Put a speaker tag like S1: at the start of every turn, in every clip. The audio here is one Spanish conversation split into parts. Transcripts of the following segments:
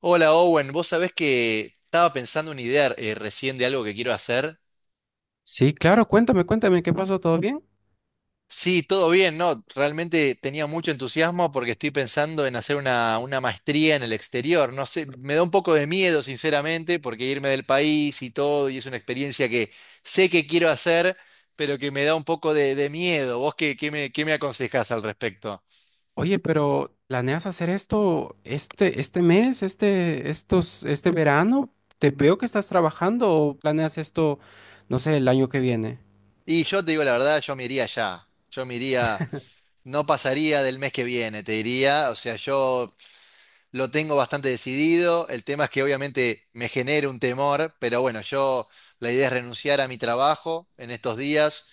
S1: Hola Owen, vos sabés que estaba pensando una idea recién de algo que quiero hacer.
S2: Sí, claro, cuéntame, cuéntame, ¿qué pasó? ¿Todo bien?
S1: Sí, todo bien, ¿no? Realmente tenía mucho entusiasmo porque estoy pensando en hacer una maestría en el exterior. No sé, me da un poco de miedo, sinceramente, porque irme del país y todo, y es una experiencia que sé que quiero hacer, pero que me da un poco de miedo. ¿Vos qué, qué me aconsejás al respecto?
S2: Oye, pero ¿planeas hacer esto este mes, este verano? Te veo que estás trabajando o planeas esto, no sé, el año que viene.
S1: Y yo te digo la verdad, yo me iría ya. Yo me iría, no pasaría del mes que viene, te diría. O sea, yo lo tengo bastante decidido. El tema es que obviamente me genera un temor, pero bueno, yo, la idea es renunciar a mi trabajo en estos días.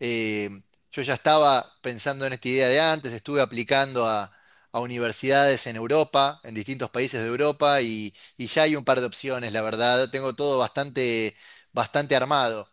S1: Eh, yo ya estaba pensando en esta idea de antes, estuve a universidades en Europa, en distintos países de Europa, y ya hay un par de opciones, la verdad. Tengo todo bastante armado.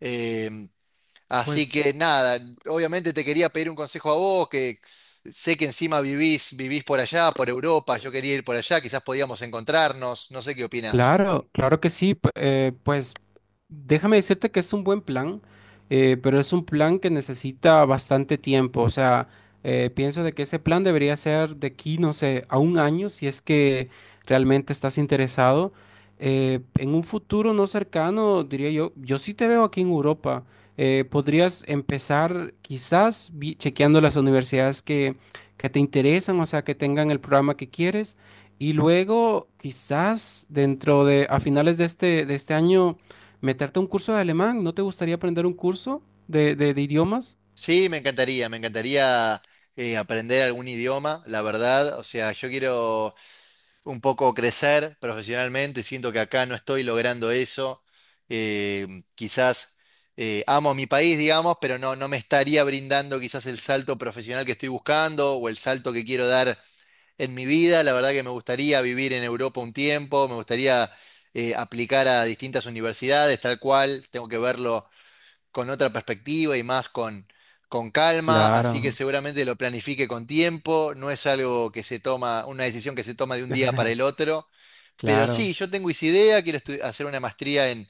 S1: Em, Así
S2: Pues
S1: que nada, obviamente te quería pedir un consejo a vos, que sé que encima vivís por allá, por Europa, yo quería ir por allá, quizás podíamos encontrarnos, no sé qué opinás.
S2: claro, claro que sí. Pues déjame decirte que es un buen plan, pero es un plan que necesita bastante tiempo. O sea, pienso de que ese plan debería ser de aquí, no sé, a un año, si es que realmente estás interesado. En un futuro no cercano, diría yo, yo sí te veo aquí en Europa. Podrías empezar quizás chequeando las universidades que te interesan, o sea, que tengan el programa que quieres. Y luego, quizás dentro de, a finales de este año, meterte a un curso de alemán. ¿No te gustaría aprender un curso de idiomas?
S1: Sí, me encantaría aprender algún idioma, la verdad, o sea, yo quiero un poco crecer profesionalmente, siento que acá no estoy logrando eso, eh, quizás amo mi país, digamos, pero no, no me estaría brindando quizás el salto profesional que estoy buscando o el salto que quiero dar en mi vida. La verdad que me gustaría vivir en Europa un tiempo, me gustaría aplicar a distintas universidades, tal cual, tengo que verlo con otra perspectiva y más con calma, así que
S2: Claro,
S1: seguramente lo planifique con tiempo, no es algo que se toma, una decisión que se toma de un día para el otro, pero
S2: claro.
S1: sí, yo tengo esa idea, quiero hacer una maestría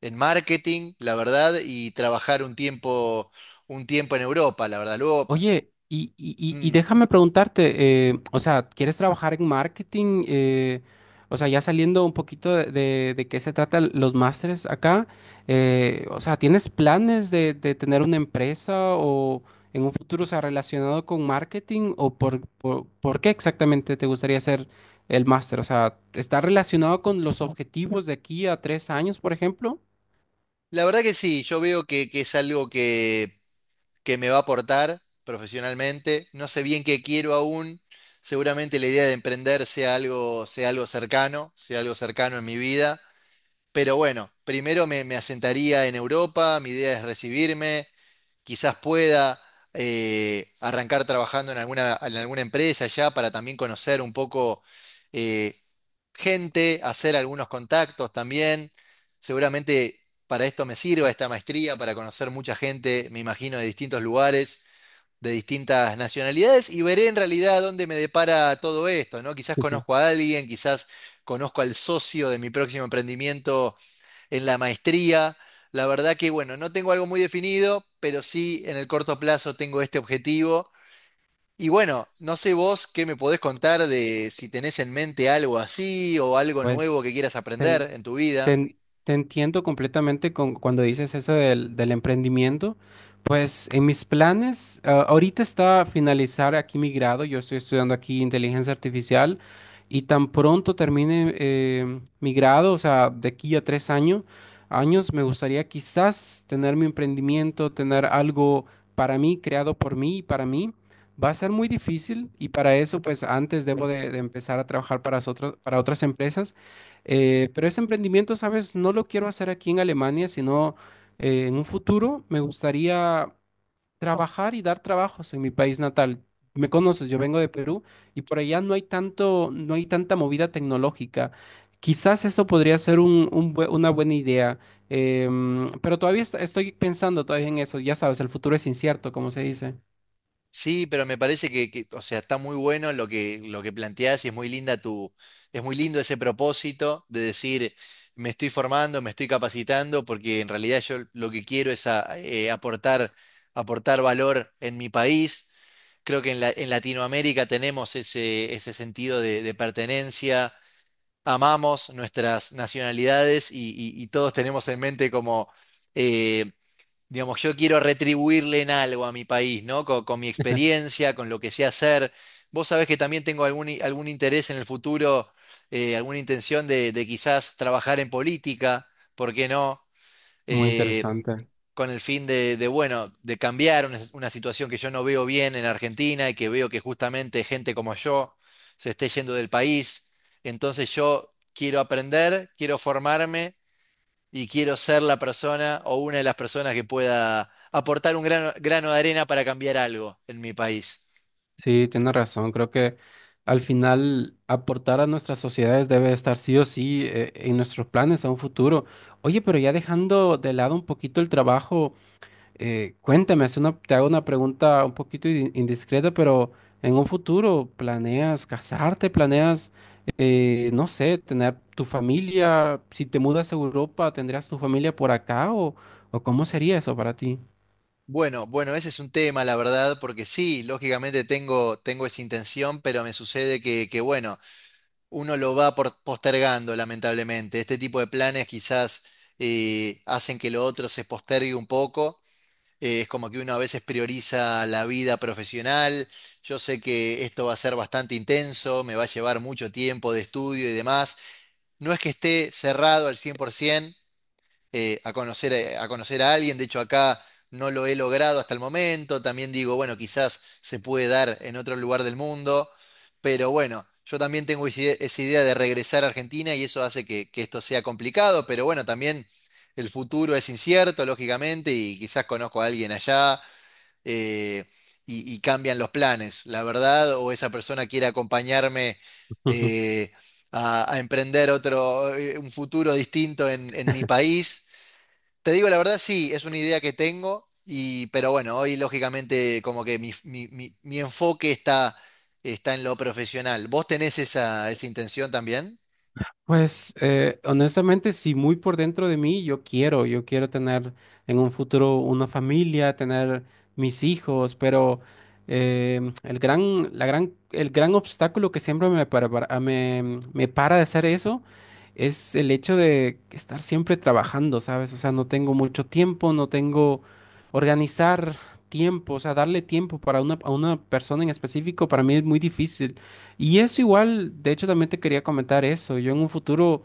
S1: en marketing, la verdad, y trabajar un tiempo en Europa, la verdad. Luego,
S2: Oye, y
S1: mm,
S2: déjame preguntarte, o sea, ¿quieres trabajar en marketing? O sea, ya saliendo un poquito de qué se trata los másteres acá, o sea, ¿tienes planes de tener una empresa o en un futuro, o sea, relacionado con marketing? ¿O por qué exactamente te gustaría hacer el máster? O sea, ¿está relacionado con los objetivos de aquí a tres años, por ejemplo?
S1: la verdad que sí, yo veo que es algo que me va a aportar profesionalmente. No sé bien qué quiero aún. Seguramente la idea de emprender sea algo cercano en mi vida. Pero bueno, primero me asentaría en Europa, mi idea es recibirme, quizás pueda arrancar trabajando en en alguna empresa ya para también conocer un poco eh, gente, hacer algunos contactos también. Seguramente para esto me sirva esta maestría, para conocer mucha gente, me imagino, de distintos lugares de distintas nacionalidades, y veré en realidad dónde me depara todo esto, ¿no? Quizás conozco a alguien, quizás conozco al socio de mi próximo emprendimiento en la maestría. La verdad que, bueno, no tengo algo muy definido, pero sí en el corto plazo tengo este objetivo. Y bueno, no sé vos qué me podés contar de si tenés en mente algo así o algo
S2: Pues
S1: nuevo que quieras aprender
S2: ten-
S1: en tu
S2: Te,
S1: vida.
S2: en- te entiendo completamente con, cuando dices eso del, del emprendimiento. Pues en mis planes, ahorita está finalizar aquí mi grado. Yo estoy estudiando aquí inteligencia artificial y tan pronto termine mi grado, o sea, de aquí a tres años, años, me gustaría quizás tener mi emprendimiento, tener algo para mí, creado por mí y para mí. Va a ser muy difícil y para eso, pues antes debo de empezar a trabajar para otras empresas. Pero ese emprendimiento, ¿sabes? No lo quiero hacer aquí en Alemania, sino en un futuro me gustaría trabajar y dar trabajos en mi país natal. Me conoces, yo vengo de Perú y por allá no hay tanto, no hay tanta movida tecnológica. Quizás eso podría ser un una buena idea, pero todavía estoy pensando todavía en eso. Ya sabes, el futuro es incierto, como se dice.
S1: Sí, pero me parece que, o sea, está muy bueno lo que planteás y es muy es muy lindo ese propósito de decir, me estoy formando, me estoy capacitando, porque en realidad yo lo que quiero es aportar, aportar valor en mi país. Creo que en Latinoamérica tenemos ese, ese sentido de pertenencia, amamos nuestras nacionalidades y todos tenemos en mente como eh, digamos, yo quiero retribuirle en algo a mi país, ¿no? Con mi experiencia, con lo que sé hacer. Vos sabés que también tengo algún interés en el futuro, alguna intención de quizás trabajar en política, ¿por qué no?
S2: Muy
S1: Eh,
S2: interesante.
S1: con el fin de, bueno, de cambiar una situación que yo no veo bien en Argentina y que veo que justamente gente como yo se esté yendo del país. Entonces yo quiero aprender, quiero formarme y quiero ser la persona o una de las personas que pueda aportar un grano de arena para cambiar algo en mi país.
S2: Sí, tiene razón. Creo que al final aportar a nuestras sociedades debe estar sí o sí en nuestros planes a un futuro. Oye, pero ya dejando de lado un poquito el trabajo, cuéntame, es una, te hago una pregunta un poquito indiscreta, pero en un futuro, ¿planeas casarte? ¿Planeas, no sé, tener tu familia? Si te mudas a Europa, ¿tendrías tu familia por acá o cómo sería eso para ti?
S1: Bueno, bueno, ese es un tema, la verdad, porque sí, lógicamente tengo esa intención, pero me sucede que, bueno, uno lo postergando, lamentablemente. Este tipo de planes quizás hacen que lo otro se postergue un poco. Es como que uno a veces prioriza la vida profesional. Yo sé que esto va a ser bastante intenso, me va a llevar mucho tiempo de estudio y demás. No es que esté cerrado al 100% a a conocer a alguien. De hecho, acá no lo he logrado hasta el momento. También digo, bueno, quizás se puede dar en otro lugar del mundo, pero bueno, yo también tengo esa idea de regresar a Argentina, y eso hace que esto sea complicado. Pero bueno, también el futuro es incierto, lógicamente, y quizás conozco a alguien allá, eh, y cambian los planes, la verdad, o esa persona quiere acompañarme eh, a emprender un futuro distinto en mi país. Te digo, la verdad, sí, es una idea que tengo, y, pero bueno, hoy lógicamente como que mi, mi enfoque está, está en lo profesional. ¿Vos tenés esa, esa intención también?
S2: Pues honestamente, sí, muy por dentro de mí, yo quiero tener en un futuro una familia, tener mis hijos, pero el gran, la gran, el gran obstáculo que siempre me para, me, me para de hacer eso es el hecho de estar siempre trabajando, ¿sabes? O sea, no tengo mucho tiempo, no tengo organizar tiempo, o sea, darle tiempo para una, a una persona en específico para mí es muy difícil. Y eso igual, de hecho también te quería comentar eso. Yo en un futuro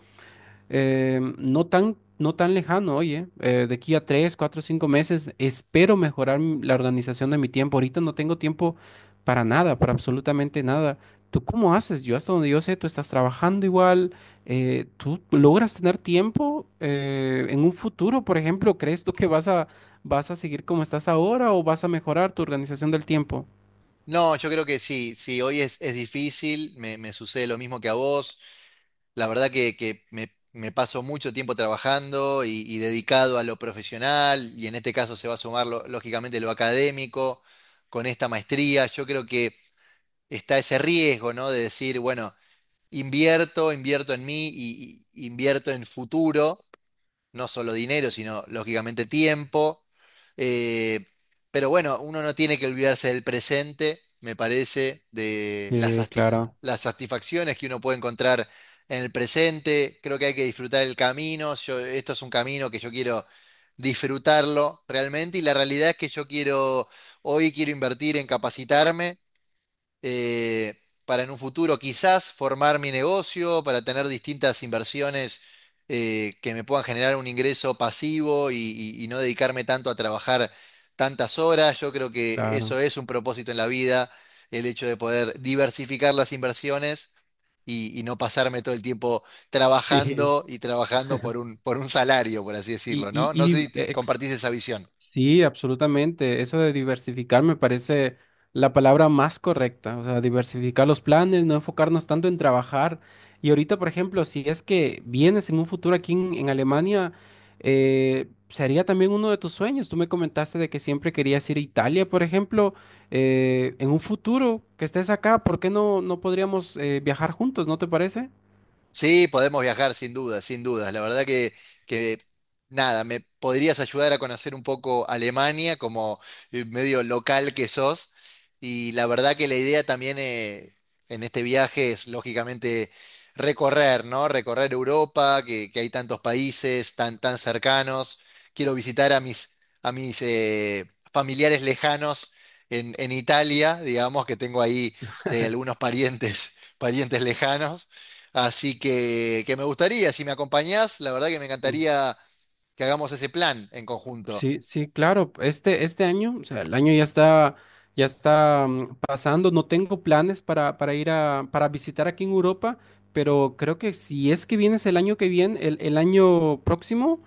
S2: no tan, no tan lejano, oye, de aquí a tres, cuatro, cinco meses, espero mejorar la organización de mi tiempo. Ahorita no tengo tiempo para nada, para absolutamente nada. ¿Tú cómo haces? Yo hasta donde yo sé, tú estás trabajando igual. ¿Tú logras tener tiempo en un futuro, por ejemplo? ¿Crees tú que vas a, vas a seguir como estás ahora o vas a mejorar tu organización del tiempo?
S1: No, yo creo que sí, sí, hoy es difícil, me sucede lo mismo que a vos. La verdad que me paso mucho tiempo trabajando y dedicado a lo profesional, y en este caso se va a sumar lógicamente lo académico con esta maestría. Yo creo que está ese riesgo, ¿no? De decir, bueno, invierto, invierto en mí y invierto en futuro, no solo dinero, sino lógicamente tiempo. Eh, pero bueno, uno no tiene que olvidarse del presente, me parece, de
S2: Eh, claro,
S1: las satisfacciones que uno puede encontrar en el presente. Creo que hay que disfrutar el camino. Yo, esto es un camino que yo quiero disfrutarlo realmente, y la realidad es que yo quiero, hoy quiero invertir en capacitarme eh, para en un futuro quizás formar mi negocio, para tener distintas inversiones que me puedan generar un ingreso pasivo y no dedicarme tanto a trabajar tantas horas. Yo creo que eso
S2: claro.
S1: es un propósito en la vida, el hecho de poder diversificar las inversiones y no pasarme todo el tiempo
S2: Sí.
S1: trabajando y trabajando por un salario, por así
S2: Y,
S1: decirlo,
S2: y,
S1: ¿no? No
S2: y
S1: sé
S2: di-
S1: si
S2: ex-
S1: compartís esa visión.
S2: sí, absolutamente. Eso de diversificar me parece la palabra más correcta. O sea, diversificar los planes, no enfocarnos tanto en trabajar. Y ahorita, por ejemplo, si es que vienes en un futuro aquí en Alemania, sería también uno de tus sueños. Tú me comentaste de que siempre querías ir a Italia, por ejemplo. En un futuro que estés acá, ¿por qué no, no podríamos viajar juntos? ¿No te parece?
S1: Sí, podemos viajar sin duda, sin dudas. La verdad que nada, me podrías ayudar a conocer un poco Alemania como medio local que sos. Y la verdad que la idea también en este viaje es lógicamente recorrer, ¿no? Recorrer Europa, que hay tantos países tan, tan cercanos. Quiero visitar a mis familiares lejanos en Italia, digamos, que tengo ahí de algunos parientes, parientes lejanos. Así que me gustaría, si me acompañás, la verdad que me encantaría que hagamos ese plan en conjunto.
S2: Sí, sí, claro. Este año, o sea, el año ya está pasando. No tengo planes para ir a, para visitar aquí en Europa, pero creo que si es que vienes el año que viene, el año próximo,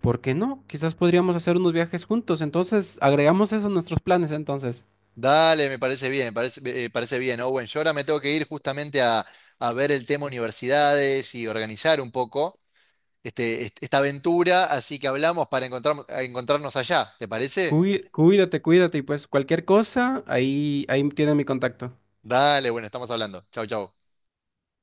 S2: ¿por qué no? Quizás podríamos hacer unos viajes juntos. Entonces, agregamos eso a nuestros planes, entonces.
S1: Dale, me parece bien, me parece, parece bien, Owen. Yo ahora me tengo que ir justamente a ver el tema universidades y organizar un poco esta aventura, así que hablamos para encontrarnos allá, ¿te parece?
S2: Cuídate, cuídate, y pues cualquier cosa, ahí, ahí tiene mi contacto.
S1: Dale, bueno, estamos hablando. Chau, chau.